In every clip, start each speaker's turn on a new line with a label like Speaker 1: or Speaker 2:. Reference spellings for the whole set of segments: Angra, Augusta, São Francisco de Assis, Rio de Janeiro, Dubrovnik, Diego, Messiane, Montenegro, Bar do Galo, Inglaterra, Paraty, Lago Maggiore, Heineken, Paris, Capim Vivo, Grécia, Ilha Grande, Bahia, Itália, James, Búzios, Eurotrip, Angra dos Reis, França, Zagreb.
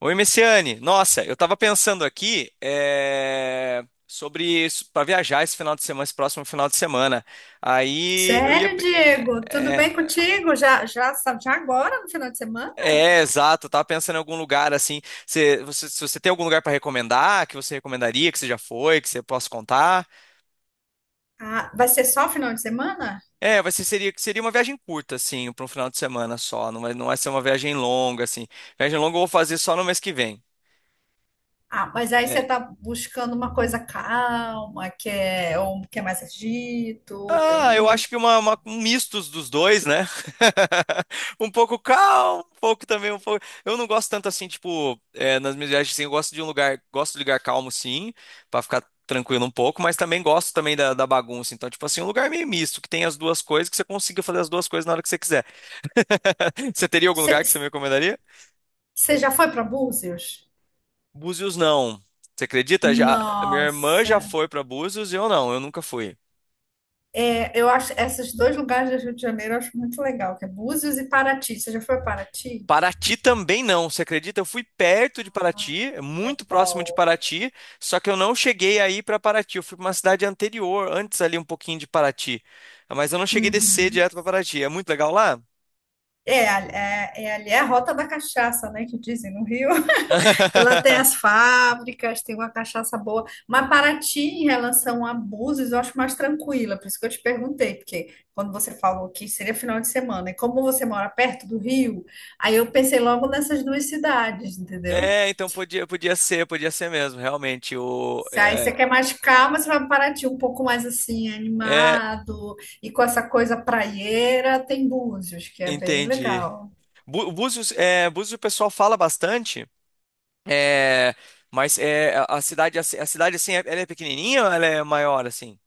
Speaker 1: Oi, Messiane. Nossa, eu tava pensando aqui sobre para viajar esse final de semana, esse próximo final de semana. Aí eu ia.
Speaker 2: Sério, Diego? Tudo
Speaker 1: É,
Speaker 2: bem contigo? Já, já, já agora no final de semana?
Speaker 1: é, é, exato, eu tava pensando em algum lugar assim. Se você tem algum lugar para recomendar, que você recomendaria, que você já foi, que você possa contar.
Speaker 2: Ah, vai ser só final de semana?
Speaker 1: É, seria uma viagem curta, assim, para um final de semana só. Não vai ser uma viagem longa, assim. Viagem longa eu vou fazer só no mês que vem.
Speaker 2: Ah, mas aí
Speaker 1: É,
Speaker 2: você tá buscando uma coisa calma, que é, ou que é mais agito,
Speaker 1: ah,
Speaker 2: tem...
Speaker 1: eu acho que um misto dos dois, né? Um pouco calmo, um pouco também, um pouco. Eu não gosto tanto assim, tipo, nas minhas viagens, assim, eu gosto de um lugar, gosto de lugar calmo, sim, pra ficar tranquilo um pouco, mas também gosto também da bagunça. Então, tipo assim, um lugar meio misto, que tem as duas coisas, que você consiga fazer as duas coisas na hora que você quiser. Você teria algum lugar que você
Speaker 2: Você
Speaker 1: me recomendaria?
Speaker 2: você já foi para Búzios?
Speaker 1: Búzios, não. Você acredita? Já, minha irmã já
Speaker 2: Nossa.
Speaker 1: foi pra Búzios e eu não, eu nunca fui.
Speaker 2: É, eu acho esses dois lugares do Rio de Janeiro eu acho muito legal, que é Búzios e Paraty. Você já foi a Paraty?
Speaker 1: Paraty também não, você acredita? Eu fui perto de Paraty,
Speaker 2: É
Speaker 1: muito próximo de
Speaker 2: bom.
Speaker 1: Paraty, só que eu não cheguei aí para Paraty. Eu fui para uma cidade anterior, antes ali um pouquinho de Paraty, mas eu não cheguei a descer
Speaker 2: Uhum.
Speaker 1: direto para Paraty. É muito legal lá?
Speaker 2: É, ali é a rota da cachaça, né, que dizem no Rio. E lá tem as fábricas, tem uma cachaça boa. Mas Paraty, em relação a Búzios, eu acho mais tranquila. Por isso que eu te perguntei, porque quando você falou que seria final de semana, e como você mora perto do Rio, aí eu pensei logo nessas duas cidades, entendeu?
Speaker 1: É, então podia ser mesmo, realmente.
Speaker 2: Se aí você quer mais calma, você vai para Paraty. Um pouco mais assim,
Speaker 1: É,
Speaker 2: animado, e com essa coisa praieira, tem Búzios, que é bem
Speaker 1: Entendi.
Speaker 2: legal.
Speaker 1: Búzios, Búzios o pessoal fala bastante, é, mas a a cidade assim, ela é pequenininha ou ela é maior assim?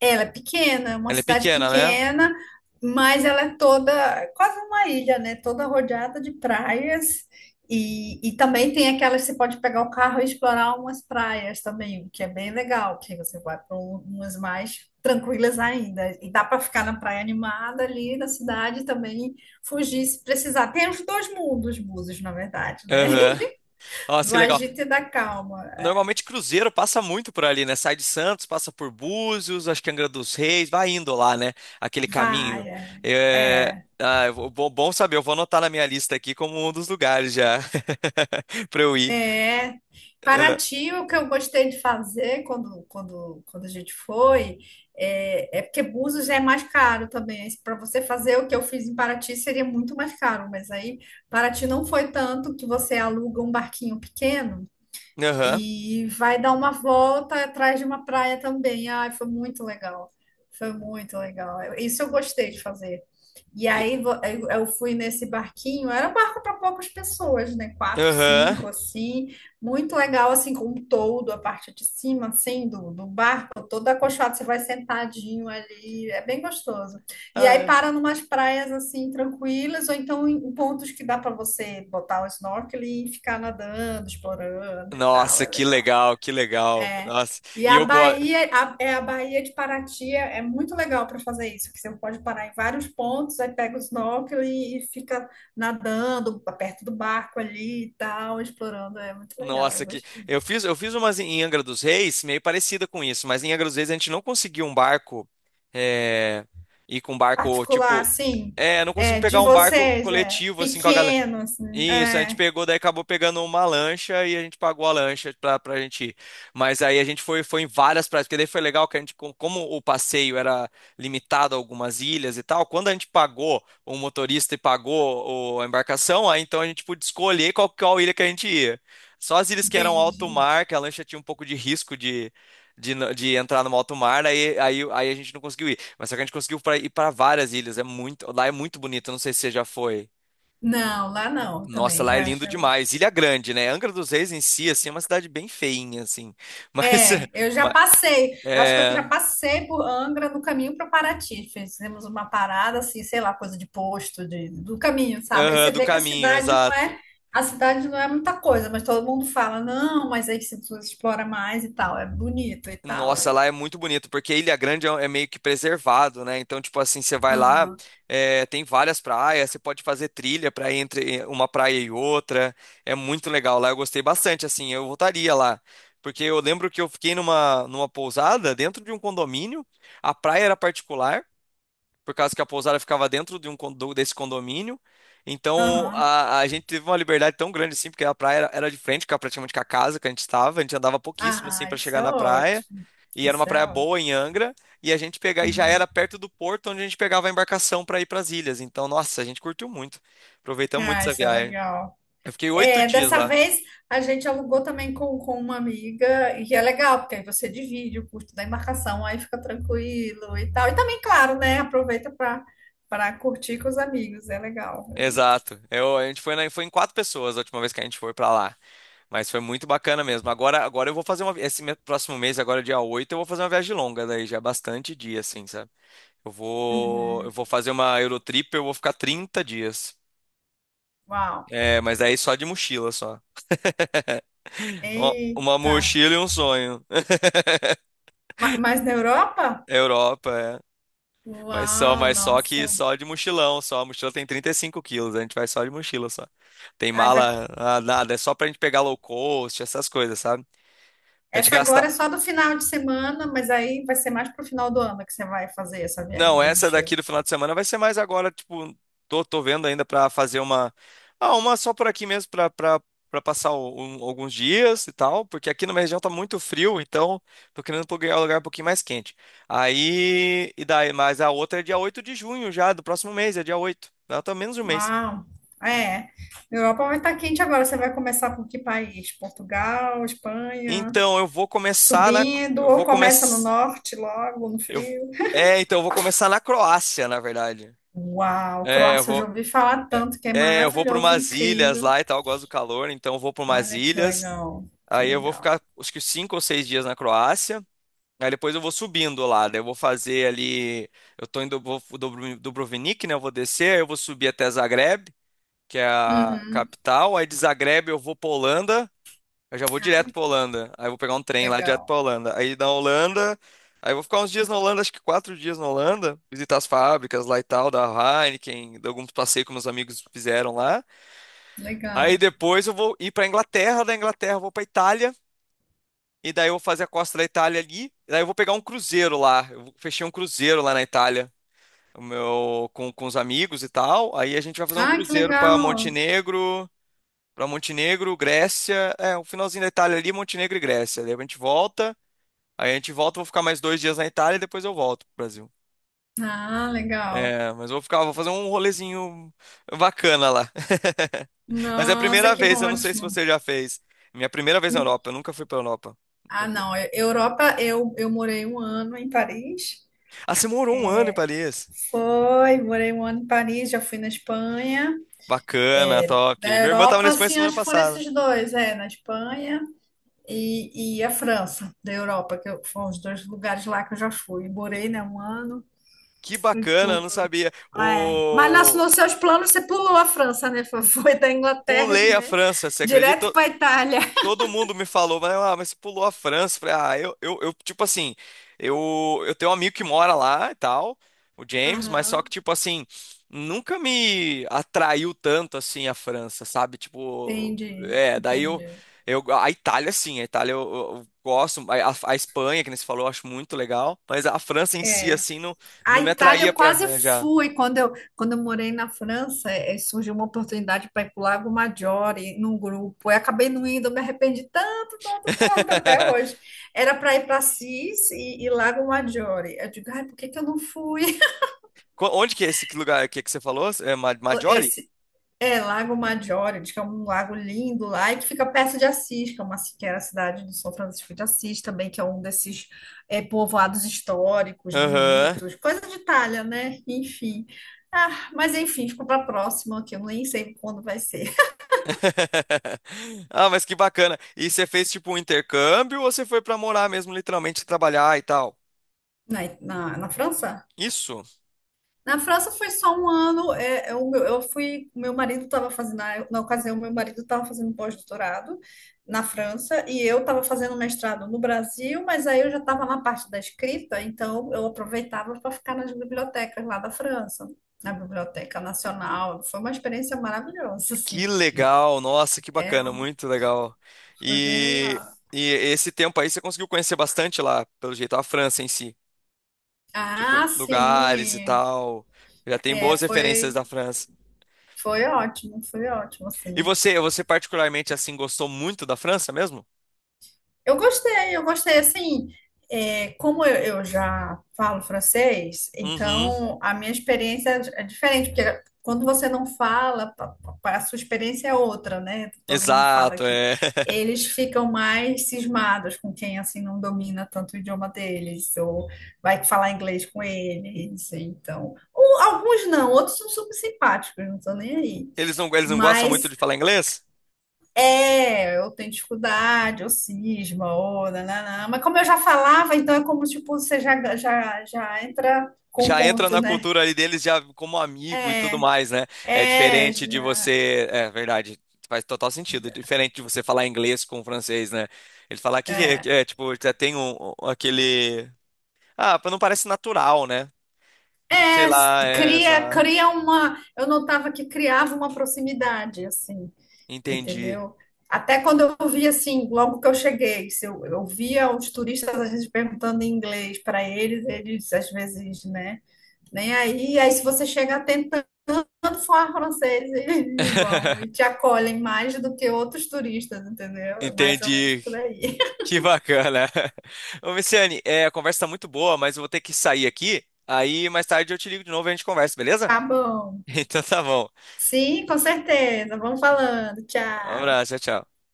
Speaker 2: Ela é pequena, é uma
Speaker 1: Ela é
Speaker 2: cidade
Speaker 1: pequena, né?
Speaker 2: pequena, mas ela é toda, quase uma ilha, né? Toda rodeada de praias. E também tem aquelas que você pode pegar o carro e explorar umas praias também, o que é bem legal, que aí você vai para umas mais tranquilas ainda. E dá para ficar na praia animada ali na cidade e também fugir se precisar. Tem os dois mundos, búzios na verdade, né?
Speaker 1: Aham. Nossa,
Speaker 2: Do
Speaker 1: que legal.
Speaker 2: agito e da calma.
Speaker 1: Normalmente cruzeiro passa muito por ali, né? Sai de Santos, passa por Búzios, acho que Angra dos Reis, vai indo lá, né? Aquele caminho.
Speaker 2: Vai, é.
Speaker 1: É...
Speaker 2: É.
Speaker 1: Ah, bom saber, eu vou anotar na minha lista aqui como um dos lugares já pra eu ir.
Speaker 2: É,
Speaker 1: Ah,
Speaker 2: Paraty, o que eu gostei de fazer quando, quando, quando a gente foi, é, é porque Búzios é mais caro também. Para você fazer o que eu fiz em Paraty seria muito mais caro, mas aí Paraty não foi tanto, que você aluga um barquinho pequeno.
Speaker 1: aham.
Speaker 2: E vai dar uma volta atrás de uma praia também. Ai, foi muito legal. Foi muito legal. Eu- isso eu gostei de fazer. E
Speaker 1: E-
Speaker 2: aí vo- eu fui nesse barquinho, era um barco para poucas pessoas, né? Quatro,
Speaker 1: Aham.
Speaker 2: cinco, assim. Muito legal, assim, com um toldo, a parte de cima, assim, do, do barco, todo acolchoado, você vai sentadinho ali. É bem gostoso. E
Speaker 1: Ah,
Speaker 2: aí
Speaker 1: é.
Speaker 2: para numas praias assim tranquilas, ou então em em pontos que dá para você botar o snorkeling e ficar nadando, explorando e tal,
Speaker 1: Nossa,
Speaker 2: é
Speaker 1: que
Speaker 2: legal.
Speaker 1: legal, que legal. Nossa,
Speaker 2: E
Speaker 1: e
Speaker 2: a
Speaker 1: eu gosto.
Speaker 2: Bahia, a, é a Bahia de Paraty é é muito legal para fazer isso, que você pode parar em vários pontos, aí pega o snorkeling e fica nadando perto do barco ali e tal, explorando, é muito legal,
Speaker 1: Nossa,
Speaker 2: eu
Speaker 1: que
Speaker 2: gostei.
Speaker 1: eu fiz umas em Angra dos Reis, meio parecida com isso, mas em Angra dos Reis a gente não conseguiu um barco, é, ir com um barco,
Speaker 2: Particular,
Speaker 1: tipo,
Speaker 2: assim,
Speaker 1: não conseguimos
Speaker 2: é, de
Speaker 1: pegar um barco
Speaker 2: vocês, é
Speaker 1: coletivo, assim, com a galera.
Speaker 2: pequeno, assim,
Speaker 1: Isso, a gente
Speaker 2: é,
Speaker 1: pegou, daí acabou pegando uma lancha e a gente pagou a lancha pra gente ir. Mas aí a gente foi em várias praias, porque daí foi legal que a gente, como o passeio era limitado a algumas ilhas e tal, quando a gente pagou o motorista e pagou a embarcação, aí então a gente pôde escolher qual ilha que a gente ia. Só as ilhas que eram alto
Speaker 2: entendi.
Speaker 1: mar, que a lancha tinha um pouco de risco de entrar no alto mar, aí a gente não conseguiu ir. Mas só que a gente conseguiu ir para várias ilhas, lá é muito bonito, eu não sei se você já foi.
Speaker 2: Não, lá não,
Speaker 1: Nossa,
Speaker 2: também
Speaker 1: lá é
Speaker 2: já,
Speaker 1: lindo
Speaker 2: já.
Speaker 1: demais. Ilha Grande, né? Angra dos Reis em si, assim, é uma cidade bem feinha, assim. Mas,
Speaker 2: É, eu já
Speaker 1: ma-
Speaker 2: passei. Eu acho que eu já
Speaker 1: é,
Speaker 2: passei por Angra no caminho para Paraty. Fizemos uma parada assim, sei lá, coisa de posto de, do caminho, sabe? Aí
Speaker 1: aham,
Speaker 2: você
Speaker 1: do
Speaker 2: vê que a
Speaker 1: caminho,
Speaker 2: cidade não
Speaker 1: exato.
Speaker 2: é, a cidade não é muita coisa, mas todo mundo fala, não, mas aí você explora mais e tal, é bonito e tal. É...
Speaker 1: Nossa, lá é muito bonito, porque Ilha Grande é meio que preservado, né? Então, tipo assim, você vai lá,
Speaker 2: Aham,
Speaker 1: tem várias praias, você pode fazer trilha para entre uma praia e outra. É muito legal lá, eu gostei bastante, assim, eu voltaria lá. Porque eu lembro que eu fiquei numa pousada dentro de um condomínio, a praia era particular, por causa que a pousada ficava dentro de desse condomínio. Então
Speaker 2: aham.
Speaker 1: a gente teve uma liberdade tão grande assim, porque a praia era de frente, praticamente com a casa que a gente estava, a gente andava pouquíssimo assim
Speaker 2: Ah,
Speaker 1: para
Speaker 2: isso
Speaker 1: chegar
Speaker 2: é
Speaker 1: na praia.
Speaker 2: ótimo.
Speaker 1: E era uma
Speaker 2: Isso é
Speaker 1: praia boa
Speaker 2: ótimo.
Speaker 1: em Angra, e a gente pegava e já
Speaker 2: Hum.
Speaker 1: era perto do porto onde a gente pegava a embarcação para ir para as ilhas. Então, nossa, a gente curtiu muito. Aproveitamos muito
Speaker 2: Ah,
Speaker 1: essa
Speaker 2: isso é
Speaker 1: viagem.
Speaker 2: legal.
Speaker 1: Eu fiquei oito
Speaker 2: É,
Speaker 1: dias
Speaker 2: dessa
Speaker 1: lá.
Speaker 2: vez a gente alugou também com uma amiga, e é legal, porque aí você divide o custo da embarcação, aí fica tranquilo e tal. E também, claro, né? Aproveita para curtir com os amigos, é legal, é legal.
Speaker 1: Exato. A gente foi em quatro pessoas a última vez que a gente foi para lá. Mas foi muito bacana mesmo. Agora eu vou fazer uma. Próximo mês, agora dia 8 eu vou fazer uma viagem longa, daí já é bastante dia, assim, sabe? Eu vou, eu
Speaker 2: Uhum.
Speaker 1: vou fazer uma Eurotrip, eu vou ficar 30 dias.
Speaker 2: Uau!
Speaker 1: É, mas daí só de mochila, só. Ó, uma
Speaker 2: Eita!
Speaker 1: mochila e um sonho.
Speaker 2: Ma- mas na Europa?
Speaker 1: Europa, é. Mas só,
Speaker 2: Uau,
Speaker 1: mas só que
Speaker 2: nossa.
Speaker 1: só de mochilão, só. A mochila tem 35 quilos, a gente vai só de mochila, só. Tem
Speaker 2: Ai, vai-
Speaker 1: mala, nada, é só pra gente pegar low cost, essas coisas, sabe? A gente
Speaker 2: essa
Speaker 1: gasta.
Speaker 2: agora é só do final de semana, mas aí vai ser mais pro final do ano que você vai fazer essa viagem
Speaker 1: Não,
Speaker 2: de
Speaker 1: essa daqui
Speaker 2: mochila.
Speaker 1: do final de semana vai ser mais agora, tipo, tô vendo ainda pra fazer uma, ah, uma só por aqui mesmo pra para para passar alguns dias e tal, porque aqui na minha região tá muito frio, então tô querendo pegar um lugar um pouquinho mais quente. Aí, e daí, mas a outra é dia 8 de junho já, do próximo mês, é dia 8. Ela tá menos de um mês.
Speaker 2: Uau! É. Europa vai estar quente agora. Você vai começar por que país? Portugal, Espanha,
Speaker 1: Então, eu vou começar na
Speaker 2: subindo,
Speaker 1: eu
Speaker 2: ou
Speaker 1: vou
Speaker 2: começa no
Speaker 1: começar
Speaker 2: norte logo, no
Speaker 1: eu
Speaker 2: frio?
Speaker 1: então eu vou começar na Croácia, na verdade.
Speaker 2: Uau!
Speaker 1: É, eu
Speaker 2: Croácia, eu já
Speaker 1: vou.
Speaker 2: ouvi falar tanto que é
Speaker 1: É, eu vou para
Speaker 2: maravilhoso,
Speaker 1: umas ilhas
Speaker 2: incrível.
Speaker 1: lá e tal, eu gosto do calor, então eu vou para umas
Speaker 2: Olha que
Speaker 1: ilhas.
Speaker 2: legal, que
Speaker 1: Aí eu vou
Speaker 2: legal.
Speaker 1: ficar acho que 5 ou 6 dias na Croácia. Aí depois eu vou subindo lá, daí eu vou fazer ali. Eu tô em Dubrovnik, né? Eu vou descer, aí eu vou subir até Zagreb, que é a
Speaker 2: Uhum.
Speaker 1: capital. Aí de Zagreb eu vou pra Holanda, eu já vou direto
Speaker 2: Ai,
Speaker 1: pra Holanda. Aí eu vou pegar um trem lá direto
Speaker 2: legal,
Speaker 1: pra Holanda. Aí na Holanda, aí eu vou ficar uns dias na Holanda, acho que 4 dias na Holanda, visitar as fábricas lá e tal, da Heineken, de alguns passeios que meus amigos fizeram lá. Aí
Speaker 2: legal.
Speaker 1: depois eu vou ir pra Inglaterra, da Inglaterra eu vou pra Itália, e daí eu vou fazer a costa da Itália ali, e daí eu vou pegar um cruzeiro lá. Eu fechei um cruzeiro lá na Itália, o meu com os amigos e tal. Aí a gente vai fazer um
Speaker 2: Ah, que
Speaker 1: cruzeiro pra
Speaker 2: legal.
Speaker 1: Montenegro, para Montenegro, Grécia, o finalzinho da Itália ali, Montenegro e Grécia. Daí a gente volta, aí A gente volta, eu vou ficar mais 2 dias na Itália e depois eu volto pro Brasil.
Speaker 2: Ah, legal.
Speaker 1: É, mas eu vou ficar, vou fazer um rolezinho bacana lá. Mas é a
Speaker 2: Nossa,
Speaker 1: primeira
Speaker 2: que
Speaker 1: vez, eu não sei se
Speaker 2: ótimo.
Speaker 1: você já fez. Minha primeira vez na Europa, eu nunca fui pra Europa.
Speaker 2: Ah, não. Eu- Europa, eu morei um ano em Paris.
Speaker 1: Ah, você morou um ano em Paris?
Speaker 2: Foi, morei um ano em Paris, já fui na Espanha.
Speaker 1: Bacana, top.
Speaker 2: Da
Speaker 1: Minha irmã tava na
Speaker 2: Europa,
Speaker 1: Espanha
Speaker 2: assim,
Speaker 1: semana
Speaker 2: acho que foram
Speaker 1: passada.
Speaker 2: esses dois, é, na Espanha e a França, da Europa, que eu- foram os dois lugares lá que eu já fui. Morei, né, um ano,
Speaker 1: Que
Speaker 2: fui
Speaker 1: bacana, eu
Speaker 2: tudo.
Speaker 1: não sabia.
Speaker 2: É. Mas nas, nos seus planos você pulou a França, né? Foi da Inglaterra,
Speaker 1: Pulei a
Speaker 2: né?
Speaker 1: França, você acredita?
Speaker 2: Direto para Itália.
Speaker 1: Todo mundo me falou, mas você pulou a França. Falei, tipo assim, eu tenho um amigo que mora lá e tal, o James, mas só que,
Speaker 2: Aham.
Speaker 1: tipo assim, nunca me atraiu tanto assim a França, sabe? Tipo,
Speaker 2: Entendi,
Speaker 1: é, daí eu,
Speaker 2: entendi.
Speaker 1: a Itália, sim, a Itália eu gosto, a Espanha, que nem você falou, eu acho muito legal, mas a França em si,
Speaker 2: É.
Speaker 1: assim, não,
Speaker 2: A
Speaker 1: não me
Speaker 2: Itália
Speaker 1: atraía
Speaker 2: eu quase
Speaker 1: já.
Speaker 2: fui quando eu morei na França, eh, surgiu uma oportunidade para ir para o Lago Maggiore num grupo. Eu acabei não indo, eu me arrependi tanto, tanto, tanto até hoje. Era para ir para Assis e Lago Maggiore. Eu digo, ai, por que que eu não fui?
Speaker 1: Onde que é esse lugar aqui que você falou? É Ma- Maggiore?
Speaker 2: Esse é, Lago Maggiore, diz que é um lago lindo lá e que fica perto de Assis, que é uma, que era a cidade do São Francisco de Assis também, que é um desses, é, povoados históricos,
Speaker 1: Aham.
Speaker 2: bonitos, coisa de Itália, né? Enfim. Ah, mas enfim, ficou para a próxima, que eu nem sei quando vai ser.
Speaker 1: Ah, mas que bacana. E você fez tipo um intercâmbio ou você foi pra morar mesmo, literalmente trabalhar e tal?
Speaker 2: Na França?
Speaker 1: Isso?
Speaker 2: Na França foi só um ano. É, eu fui, meu marido estava fazendo, na, na ocasião, meu marido estava fazendo um pós-doutorado na França e eu estava fazendo mestrado no Brasil, mas aí eu já estava na parte da escrita, então eu aproveitava para ficar nas bibliotecas lá da França, na Biblioteca Nacional. Foi uma experiência maravilhosa, assim,
Speaker 1: Que
Speaker 2: porque
Speaker 1: legal. Nossa, que bacana, muito legal.
Speaker 2: foi bem
Speaker 1: E,
Speaker 2: legal.
Speaker 1: e esse tempo aí você conseguiu conhecer bastante lá, pelo jeito, a França em si, tipo
Speaker 2: Ah,
Speaker 1: lugares e
Speaker 2: sim,
Speaker 1: tal. Já tem
Speaker 2: é,
Speaker 1: boas referências da
Speaker 2: foi,
Speaker 1: França.
Speaker 2: foi ótimo,
Speaker 1: E
Speaker 2: assim.
Speaker 1: você particularmente assim gostou muito da França mesmo?
Speaker 2: Eu gostei, eu gostei. Assim, é, como eu já falo francês,
Speaker 1: Uhum.
Speaker 2: então a minha experiência é diferente, porque quando você não fala, pa- pa- a sua experiência é outra, né? Todo mundo fala
Speaker 1: Exato,
Speaker 2: que
Speaker 1: é.
Speaker 2: eles ficam mais cismados com quem assim não domina tanto o idioma deles, ou vai falar inglês com eles, então. Ou alguns não, outros são super simpáticos, não estão nem aí.
Speaker 1: Eles não gostam muito
Speaker 2: Mas
Speaker 1: de falar inglês?
Speaker 2: é, eu tenho dificuldade, ou cisma, ou nananã. Mas como eu já falava, então é como, tipo, você já entra com o
Speaker 1: Já entra
Speaker 2: ponto,
Speaker 1: na
Speaker 2: né?
Speaker 1: cultura ali deles já como amigo e tudo mais, né? É
Speaker 2: É,
Speaker 1: diferente de
Speaker 2: já-
Speaker 1: você, é verdade, faz total sentido. É diferente de você falar inglês com o francês, né? Ele falar que é, tipo, já tem um, aquele ah, não parece natural, né? Tipo, sei
Speaker 2: é, s-
Speaker 1: lá,
Speaker 2: cria, cria uma... Eu notava que criava uma proximidade, assim,
Speaker 1: entendi.
Speaker 2: entendeu? Até quando eu via, assim, logo que eu cheguei, se eu, eu via os turistas, às vezes, perguntando em inglês para eles, eles, às vezes, né? Nem aí, aí se você chega quando for francês, eles vão e te acolhem mais do que outros turistas, entendeu? É mais ou menos
Speaker 1: Entendi.
Speaker 2: por aí.
Speaker 1: Que bacana. Ô, Messiane, a conversa tá muito boa, mas eu vou ter que sair aqui. Aí mais tarde eu te ligo de novo e a gente conversa, beleza?
Speaker 2: Tá bom.
Speaker 1: Então tá bom.
Speaker 2: Sim, com certeza. Vamos falando.
Speaker 1: Um
Speaker 2: Tchau.
Speaker 1: abraço, tchau, tchau.